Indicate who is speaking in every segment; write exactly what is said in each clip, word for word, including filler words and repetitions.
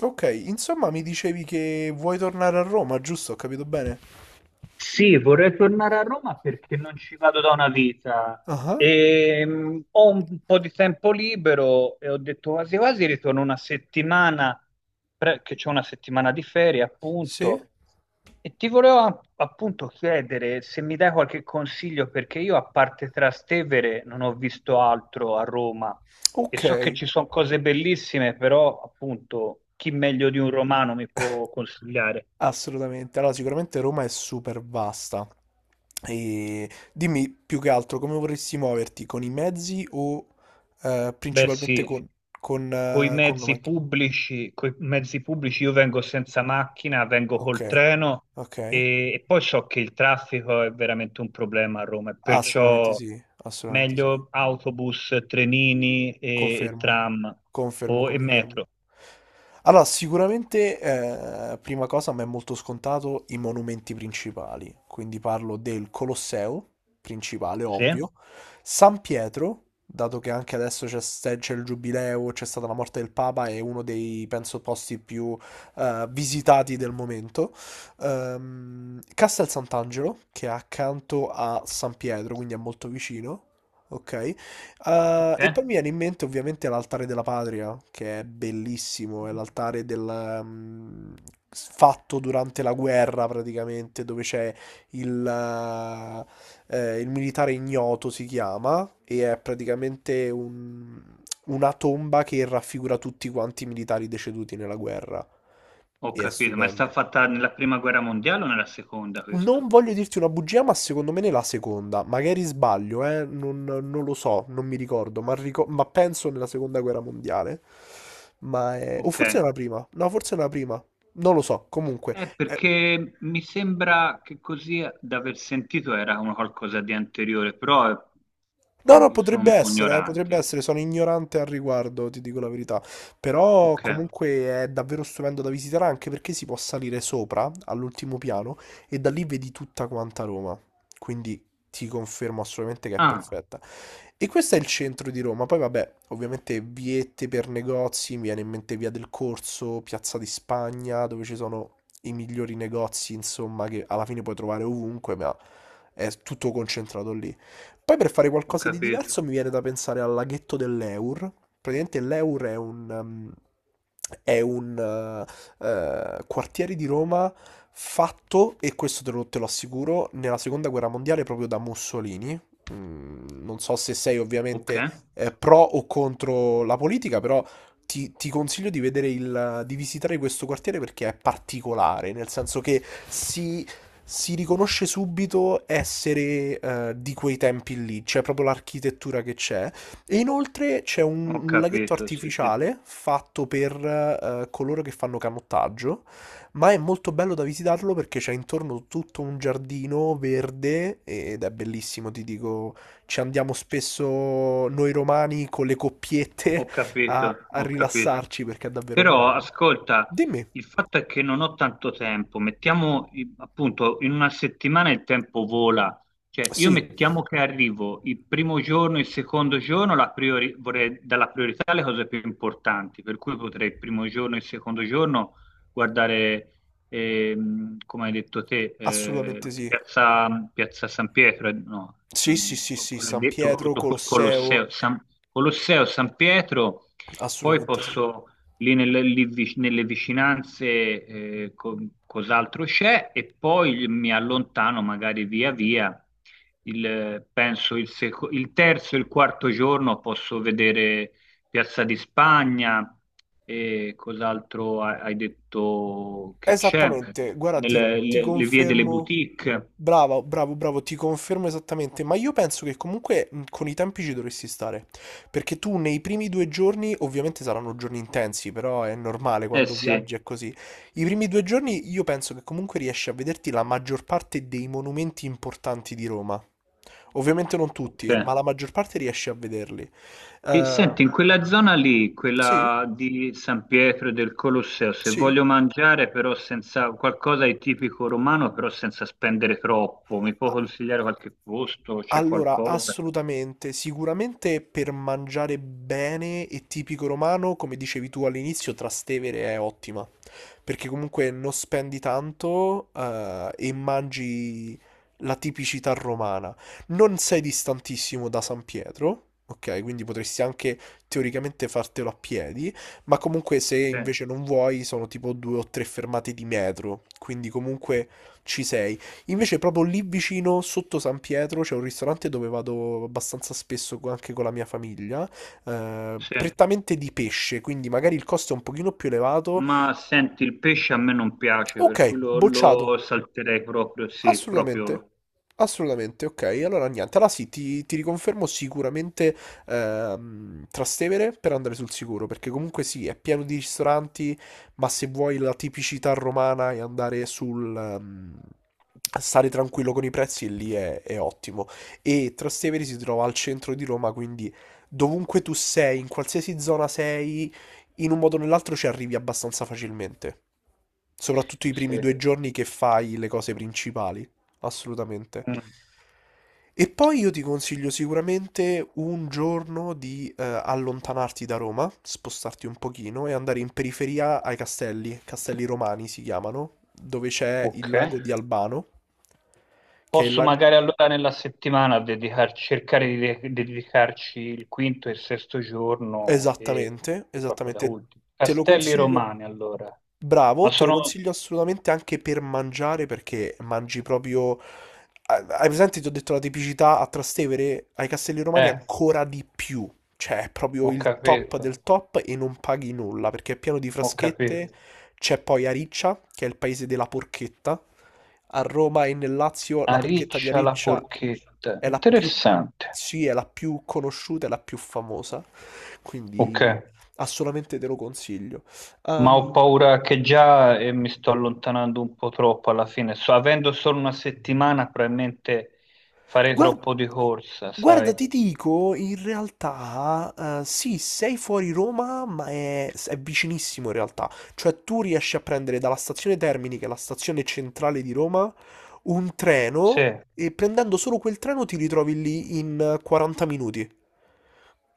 Speaker 1: Ok, insomma mi dicevi che vuoi tornare a Roma, giusto? Ho capito bene?
Speaker 2: Sì, vorrei tornare a Roma perché non ci vado da una vita.
Speaker 1: Ah,
Speaker 2: E, mh, ho un po' di tempo libero e ho detto quasi quasi ritorno una settimana, pre- che c'è una settimana di ferie
Speaker 1: sì?
Speaker 2: appunto. E ti volevo a- appunto chiedere se mi dai qualche consiglio perché io a parte Trastevere non ho visto altro a Roma e
Speaker 1: Ok,
Speaker 2: so che ci sono cose bellissime, però appunto chi meglio di un romano mi può consigliare?
Speaker 1: assolutamente. Allora, sicuramente Roma è super vasta. E dimmi più che altro come vorresti muoverti, con i mezzi o eh,
Speaker 2: Beh,
Speaker 1: principalmente
Speaker 2: sì,
Speaker 1: con, con,
Speaker 2: coi
Speaker 1: eh, con una
Speaker 2: mezzi
Speaker 1: macchina?
Speaker 2: pubblici, coi mezzi pubblici io vengo senza macchina, vengo
Speaker 1: Ok,
Speaker 2: col treno
Speaker 1: ok.
Speaker 2: e, e poi so che il traffico è veramente un problema a Roma, e
Speaker 1: Assolutamente
Speaker 2: perciò
Speaker 1: sì, assolutamente sì.
Speaker 2: meglio autobus, trenini e, e
Speaker 1: Confermo,
Speaker 2: tram
Speaker 1: confermo,
Speaker 2: o, e
Speaker 1: confermo.
Speaker 2: metro.
Speaker 1: Allora, sicuramente, eh, prima cosa, a me è molto scontato i monumenti principali, quindi parlo del Colosseo, principale,
Speaker 2: Sì?
Speaker 1: ovvio, San Pietro, dato che anche adesso c'è ste- c'è il giubileo, c'è stata la morte del Papa, è uno dei, penso, posti più eh, visitati del momento. Ehm, Castel Sant'Angelo, che è accanto a San Pietro, quindi è molto vicino, ok? Eh,
Speaker 2: Ok,
Speaker 1: e poi mi viene in mente ovviamente l'altare della patria, che è bellissimo, è l'altare del, mm, s- fatto durante la guerra praticamente, dove c'è il, eh, eh, il militare ignoto si chiama, e è praticamente un- una tomba che raffigura tutti quanti i militari deceduti nella guerra.
Speaker 2: ho
Speaker 1: E è
Speaker 2: capito, ma è
Speaker 1: stupendo.
Speaker 2: stata fatta nella prima guerra mondiale o nella seconda
Speaker 1: Non
Speaker 2: questo?
Speaker 1: voglio dirti una bugia, ma secondo me ne la seconda. Magari sbaglio, eh? Non, non lo so, non mi ricordo, ma, ricor- ma penso nella seconda guerra mondiale. Ma è... O
Speaker 2: Ok.
Speaker 1: forse nella prima. No, forse nella prima. Non lo so, comunque.
Speaker 2: Eh,
Speaker 1: eh,
Speaker 2: perché mi sembra che così da aver sentito era una qualcosa di anteriore, però eh,
Speaker 1: No, no,
Speaker 2: io sono
Speaker 1: potrebbe
Speaker 2: un po'
Speaker 1: essere, eh, potrebbe
Speaker 2: ignorante.
Speaker 1: essere, sono ignorante al riguardo, ti dico la verità. Però
Speaker 2: Ok.
Speaker 1: comunque è davvero stupendo da visitare anche perché si può salire sopra, all'ultimo piano, e da lì vedi tutta quanta Roma. Quindi ti confermo assolutamente che è
Speaker 2: Ah,
Speaker 1: perfetta. E questo è il centro di Roma. Poi vabbè, ovviamente viette per negozi, mi viene in mente Via del Corso, Piazza di Spagna, dove ci sono i migliori negozi, insomma, che alla fine puoi trovare ovunque, ma è tutto concentrato lì. Poi per fare
Speaker 2: ho
Speaker 1: qualcosa di
Speaker 2: capito.
Speaker 1: diverso mi viene da pensare al laghetto dell'Eur. Praticamente l'Eur è un, ehm, è un eh, eh, quartiere di Roma fatto, e questo te lo, te lo assicuro, nella seconda guerra mondiale proprio da Mussolini. Mm, non so se sei
Speaker 2: Ok.
Speaker 1: ovviamente eh, pro o contro la politica, però ti, ti consiglio di vedere il, di visitare questo quartiere perché è particolare, nel senso che si si riconosce subito essere eh, di quei tempi lì, c'è proprio l'architettura che c'è. E inoltre c'è un,
Speaker 2: Ho
Speaker 1: un laghetto
Speaker 2: capito, sì, sì.
Speaker 1: artificiale fatto per eh, coloro che fanno canottaggio, ma è molto bello da visitarlo perché c'è intorno tutto un giardino verde ed è bellissimo, ti dico, ci andiamo spesso noi romani con le coppiette
Speaker 2: Ho
Speaker 1: a,
Speaker 2: capito,
Speaker 1: a
Speaker 2: ho capito.
Speaker 1: rilassarci perché è davvero
Speaker 2: Però
Speaker 1: bello.
Speaker 2: ascolta,
Speaker 1: Dimmi.
Speaker 2: il fatto è che non ho tanto tempo, mettiamo i- appunto in una settimana il tempo vola, cioè io
Speaker 1: Sì,
Speaker 2: mettiamo che arrivo il primo giorno, il secondo giorno, la priori- vorrei dare la priorità alle cose più importanti, per cui potrei il primo giorno e il secondo giorno guardare, ehm, come hai detto te, eh,
Speaker 1: assolutamente sì.
Speaker 2: piazza, piazza San Pietro, eh, no,
Speaker 1: Sì, sì,
Speaker 2: ehm,
Speaker 1: sì, sì,
Speaker 2: quello hai
Speaker 1: San
Speaker 2: detto
Speaker 1: Pietro,
Speaker 2: dopo il Colosseo,
Speaker 1: Colosseo,
Speaker 2: San, Colosseo San Pietro, poi
Speaker 1: assolutamente sì.
Speaker 2: posso lì nelle, lì vic- nelle vicinanze eh, co- cos'altro c'è e poi mi allontano magari via via. Il, penso il, seco- il terzo e il quarto giorno posso vedere Piazza di Spagna e cos'altro ha- hai detto che c'è,
Speaker 1: Esattamente, guarda, ti,
Speaker 2: Nelle-
Speaker 1: ti
Speaker 2: le, le vie delle
Speaker 1: confermo,
Speaker 2: boutique.
Speaker 1: bravo, bravo, bravo, ti confermo esattamente, ma io penso che comunque mh, con i tempi ci dovresti stare, perché tu nei primi due giorni, ovviamente saranno giorni intensi, però è normale
Speaker 2: Eh
Speaker 1: quando
Speaker 2: sì,
Speaker 1: viaggi è così, i primi due giorni io penso che comunque riesci a vederti la maggior parte dei monumenti importanti di Roma. Ovviamente non tutti,
Speaker 2: ok.
Speaker 1: ma la maggior parte riesci a vederli.
Speaker 2: E
Speaker 1: Eh,
Speaker 2: senti, in quella zona lì,
Speaker 1: sì?
Speaker 2: quella di San Pietro e del Colosseo, se
Speaker 1: Sì.
Speaker 2: voglio mangiare però senza qualcosa di tipico romano, però senza spendere troppo, mi può
Speaker 1: A-
Speaker 2: consigliare qualche posto? C'è
Speaker 1: Allora,
Speaker 2: qualcosa?
Speaker 1: assolutamente, sicuramente per mangiare bene e tipico romano, come dicevi tu all'inizio, Trastevere è ottima, perché comunque non spendi tanto, eh, e mangi la tipicità romana. Non sei distantissimo da San Pietro, ok? Quindi potresti anche teoricamente fartelo a piedi, ma comunque se
Speaker 2: Sì,
Speaker 1: invece non vuoi sono tipo due o tre fermate di metro, quindi comunque ci sei. Invece proprio lì vicino, sotto San Pietro, c'è un ristorante dove vado abbastanza spesso co- anche con la mia famiglia, eh,
Speaker 2: sì.
Speaker 1: prettamente di pesce, quindi magari il costo è un pochino più elevato.
Speaker 2: Ma senti, il pesce a me non piace,
Speaker 1: Ok,
Speaker 2: per cui lo, lo
Speaker 1: bocciato.
Speaker 2: salterei proprio, sì, proprio. lo-
Speaker 1: Assolutamente, assolutamente, ok. Allora niente, allora sì, ti, ti riconfermo sicuramente ehm, Trastevere per andare sul sicuro, perché comunque sì, è pieno di ristoranti, ma se vuoi la tipicità romana e andare sul... ehm, stare tranquillo con i prezzi, lì è, è ottimo. E Trastevere si trova al centro di Roma, quindi dovunque tu sei, in qualsiasi zona sei, in un modo o nell'altro ci arrivi abbastanza facilmente. Soprattutto i
Speaker 2: Sì.
Speaker 1: primi due giorni che fai le cose principali, assolutamente.
Speaker 2: Mm.
Speaker 1: E poi io ti consiglio sicuramente un giorno di eh, allontanarti da Roma, spostarti un pochino e andare in periferia ai castelli, castelli romani si chiamano, dove c'è il
Speaker 2: Ok.
Speaker 1: lago di Albano, che è il
Speaker 2: Posso
Speaker 1: lago...
Speaker 2: magari allora nella settimana dedicar- cercare di de- dedicarci il quinto e il sesto giorno e
Speaker 1: Esattamente,
Speaker 2: proprio da
Speaker 1: esattamente.
Speaker 2: ultimo.
Speaker 1: Te lo
Speaker 2: Castelli
Speaker 1: consiglio.
Speaker 2: Romani allora. Ma
Speaker 1: Bravo, te lo
Speaker 2: sono...
Speaker 1: consiglio assolutamente anche per mangiare perché mangi proprio... Ah, hai presente, ti ho detto, la tipicità a Trastevere, ai Castelli Romani
Speaker 2: Eh,
Speaker 1: ancora di più. Cioè, è proprio
Speaker 2: ho
Speaker 1: il top
Speaker 2: capito,
Speaker 1: del top e non paghi nulla perché è pieno di
Speaker 2: ho capito.
Speaker 1: fraschette. C'è poi Ariccia, che è il paese della porchetta. A Roma e nel Lazio la porchetta di
Speaker 2: Ariccia la
Speaker 1: Ariccia
Speaker 2: porchetta.
Speaker 1: è la più,
Speaker 2: Interessante.
Speaker 1: sì, è la più conosciuta e la più famosa,
Speaker 2: Ok,
Speaker 1: quindi assolutamente te lo consiglio.
Speaker 2: ma ho
Speaker 1: Ehm,
Speaker 2: paura che già eh, mi sto allontanando un po' troppo alla fine. So, avendo solo una settimana, probabilmente farei
Speaker 1: Guarda,
Speaker 2: troppo di corsa,
Speaker 1: guarda,
Speaker 2: sai?
Speaker 1: ti dico, in realtà, eh, sì, sei fuori Roma, ma è, è vicinissimo in realtà. Cioè, tu riesci a prendere dalla stazione Termini, che è la stazione centrale di Roma, un treno
Speaker 2: Sì.
Speaker 1: e prendendo solo quel treno ti ritrovi lì in eh, quaranta minuti.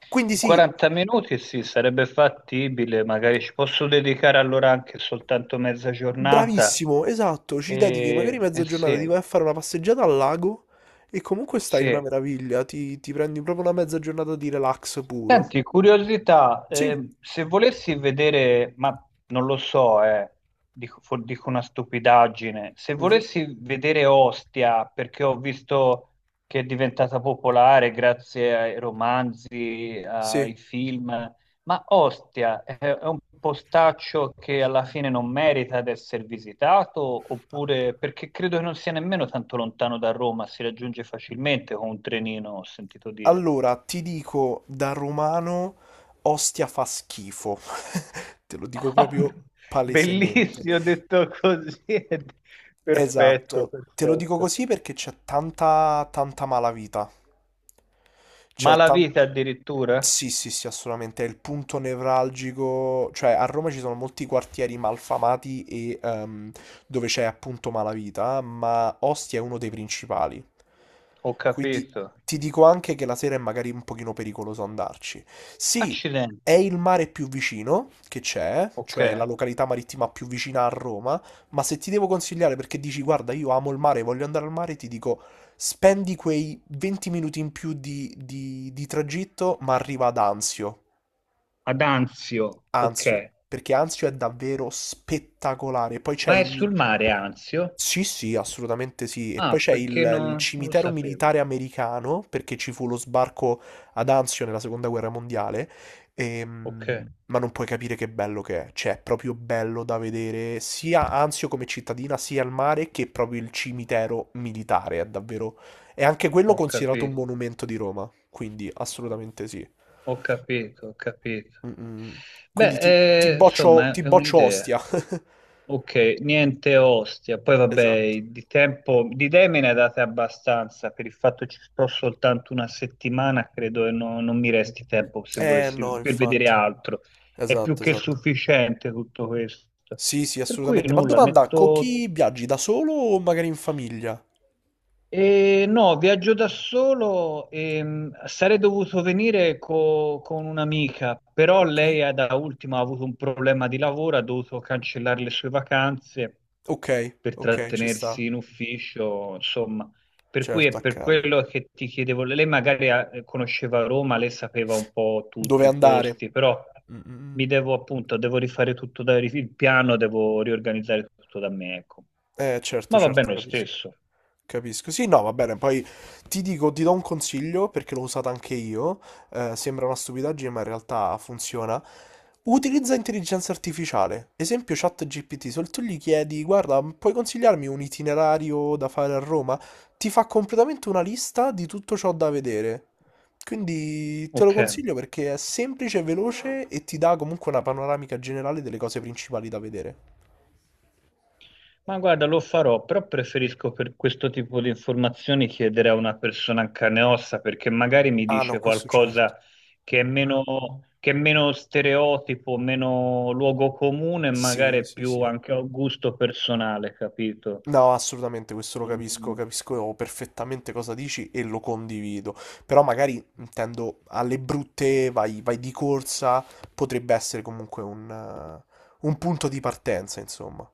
Speaker 1: Quindi sì,
Speaker 2: quaranta minuti sì, sarebbe fattibile, magari ci posso dedicare allora anche soltanto mezza giornata.
Speaker 1: bravissimo, esatto, ci dedichi magari
Speaker 2: E,
Speaker 1: mezza
Speaker 2: e
Speaker 1: giornata,
Speaker 2: sì,
Speaker 1: ti vai a fare una passeggiata al lago e comunque stai una
Speaker 2: sì.
Speaker 1: meraviglia, ti, ti prendi proprio una mezza giornata di relax puro.
Speaker 2: Senti, curiosità,
Speaker 1: Sì.
Speaker 2: eh, se volessi vedere, ma non lo so, eh, dico, fo- dico una stupidaggine, se
Speaker 1: Mhm.
Speaker 2: volessi vedere Ostia, perché ho visto che è diventata popolare grazie ai romanzi,
Speaker 1: Sì.
Speaker 2: ai film, ma Ostia è, è un postaccio che alla fine non merita di essere visitato, oppure perché credo che non sia nemmeno tanto lontano da Roma, si raggiunge facilmente con un trenino, ho sentito dire.
Speaker 1: Allora, ti dico da romano, Ostia fa schifo. Te lo dico proprio palesemente.
Speaker 2: Bellissimo, detto così, è perfetto,
Speaker 1: Esatto, te lo dico
Speaker 2: perfetto.
Speaker 1: così perché c'è tanta, tanta malavita.
Speaker 2: Ma
Speaker 1: C'è
Speaker 2: la
Speaker 1: tan-
Speaker 2: vita addirittura?
Speaker 1: Sì, sì, sì, assolutamente, è il punto nevralgico, cioè a Roma ci sono molti quartieri malfamati e ehm, dove c'è appunto malavita, ma Ostia è uno dei principali.
Speaker 2: Ho
Speaker 1: Quindi
Speaker 2: capito.
Speaker 1: ti dico anche che la sera è magari un pochino pericoloso andarci. Sì, è
Speaker 2: Accidenti,
Speaker 1: il mare più vicino che c'è,
Speaker 2: ok.
Speaker 1: cioè la località marittima più vicina a Roma, ma se ti devo consigliare perché dici guarda, io amo il mare, voglio andare al mare, ti dico spendi quei venti minuti in più di, di- di tragitto, ma arriva ad Anzio.
Speaker 2: Ad Anzio, ok.
Speaker 1: Anzio, perché Anzio è davvero spettacolare. Poi c'è
Speaker 2: Ma è
Speaker 1: il... mi-
Speaker 2: sul mare Anzio?
Speaker 1: Sì, sì, assolutamente sì. E poi
Speaker 2: Ah,
Speaker 1: c'è il,
Speaker 2: perché
Speaker 1: il
Speaker 2: non, non lo
Speaker 1: cimitero
Speaker 2: sapevo.
Speaker 1: militare americano, perché ci fu lo sbarco ad Anzio nella seconda guerra mondiale.
Speaker 2: Ok,
Speaker 1: Ehm, ma non puoi capire che bello che è. Cioè, è proprio bello da vedere sia Anzio come cittadina, sia il mare, che proprio il cimitero militare. È davvero... È anche quello
Speaker 2: ho
Speaker 1: considerato un
Speaker 2: capito,
Speaker 1: monumento di Roma. Quindi, assolutamente sì.
Speaker 2: ho capito, ho capito.
Speaker 1: Mm-mm. Quindi
Speaker 2: Beh,
Speaker 1: ti, ti
Speaker 2: eh,
Speaker 1: boccio,
Speaker 2: insomma,
Speaker 1: ti
Speaker 2: è è
Speaker 1: boccio
Speaker 2: un'idea.
Speaker 1: Ostia.
Speaker 2: Ok, niente Ostia. Poi
Speaker 1: Esatto.
Speaker 2: vabbè, di tempo, di idee me ne date abbastanza, per il fatto ci sto soltanto una settimana, credo che no- non mi resti tempo se
Speaker 1: Eh
Speaker 2: volessi,
Speaker 1: no,
Speaker 2: per vedere
Speaker 1: infatti.
Speaker 2: altro. È più
Speaker 1: Esatto,
Speaker 2: che
Speaker 1: esatto.
Speaker 2: sufficiente tutto questo.
Speaker 1: Sì, sì,
Speaker 2: Per cui
Speaker 1: assolutamente. Ma
Speaker 2: nulla,
Speaker 1: domanda, con
Speaker 2: metto
Speaker 1: chi viaggi? Da solo o magari in famiglia?
Speaker 2: Eh, no, viaggio da solo, ehm, sarei dovuto venire co- con un'amica, però
Speaker 1: Ok.
Speaker 2: lei ha- da ultimo ha avuto un problema di lavoro, ha dovuto cancellare le sue vacanze
Speaker 1: Ok,
Speaker 2: per
Speaker 1: ok, ci sta.
Speaker 2: trattenersi in ufficio, insomma, per cui
Speaker 1: Certo,
Speaker 2: è per
Speaker 1: accade.
Speaker 2: quello che ti chiedevo, lei magari ha- conosceva Roma, lei sapeva un po' tutto,
Speaker 1: Dove
Speaker 2: i
Speaker 1: andare?
Speaker 2: posti, però
Speaker 1: Mm, mm, mm.
Speaker 2: mi devo appunto, devo rifare tutto da, il piano, devo riorganizzare tutto da me, ecco.
Speaker 1: Eh, certo,
Speaker 2: Ma va
Speaker 1: certo,
Speaker 2: bene lo
Speaker 1: capisco.
Speaker 2: stesso,
Speaker 1: Capisco. Sì, no, va bene. Poi ti dico, ti do un consiglio perché l'ho usata anche io. Eh, sembra una stupidaggine, ma in realtà funziona. Utilizza intelligenza artificiale. Esempio ChatGPT. Se tu gli chiedi, guarda, puoi consigliarmi un itinerario da fare a Roma? Ti fa completamente una lista di tutto ciò da vedere. Quindi te lo
Speaker 2: ok.
Speaker 1: consiglio perché è semplice, veloce e ti dà comunque una panoramica generale delle cose principali da vedere.
Speaker 2: Ma guarda, lo farò, però preferisco per questo tipo di informazioni chiedere a una persona in carne e ossa perché magari mi
Speaker 1: Ah no,
Speaker 2: dice
Speaker 1: questo certo.
Speaker 2: qualcosa che è meno, che è meno stereotipo, meno luogo comune, e magari
Speaker 1: Sì,
Speaker 2: è
Speaker 1: sì,
Speaker 2: più
Speaker 1: sì.
Speaker 2: anche a gusto personale, capito?
Speaker 1: No, assolutamente, questo lo capisco,
Speaker 2: Ehm,
Speaker 1: capisco perfettamente cosa dici e lo condivido. Però magari intendo alle brutte, vai, vai di corsa, potrebbe essere comunque un, eh, un punto di partenza, insomma.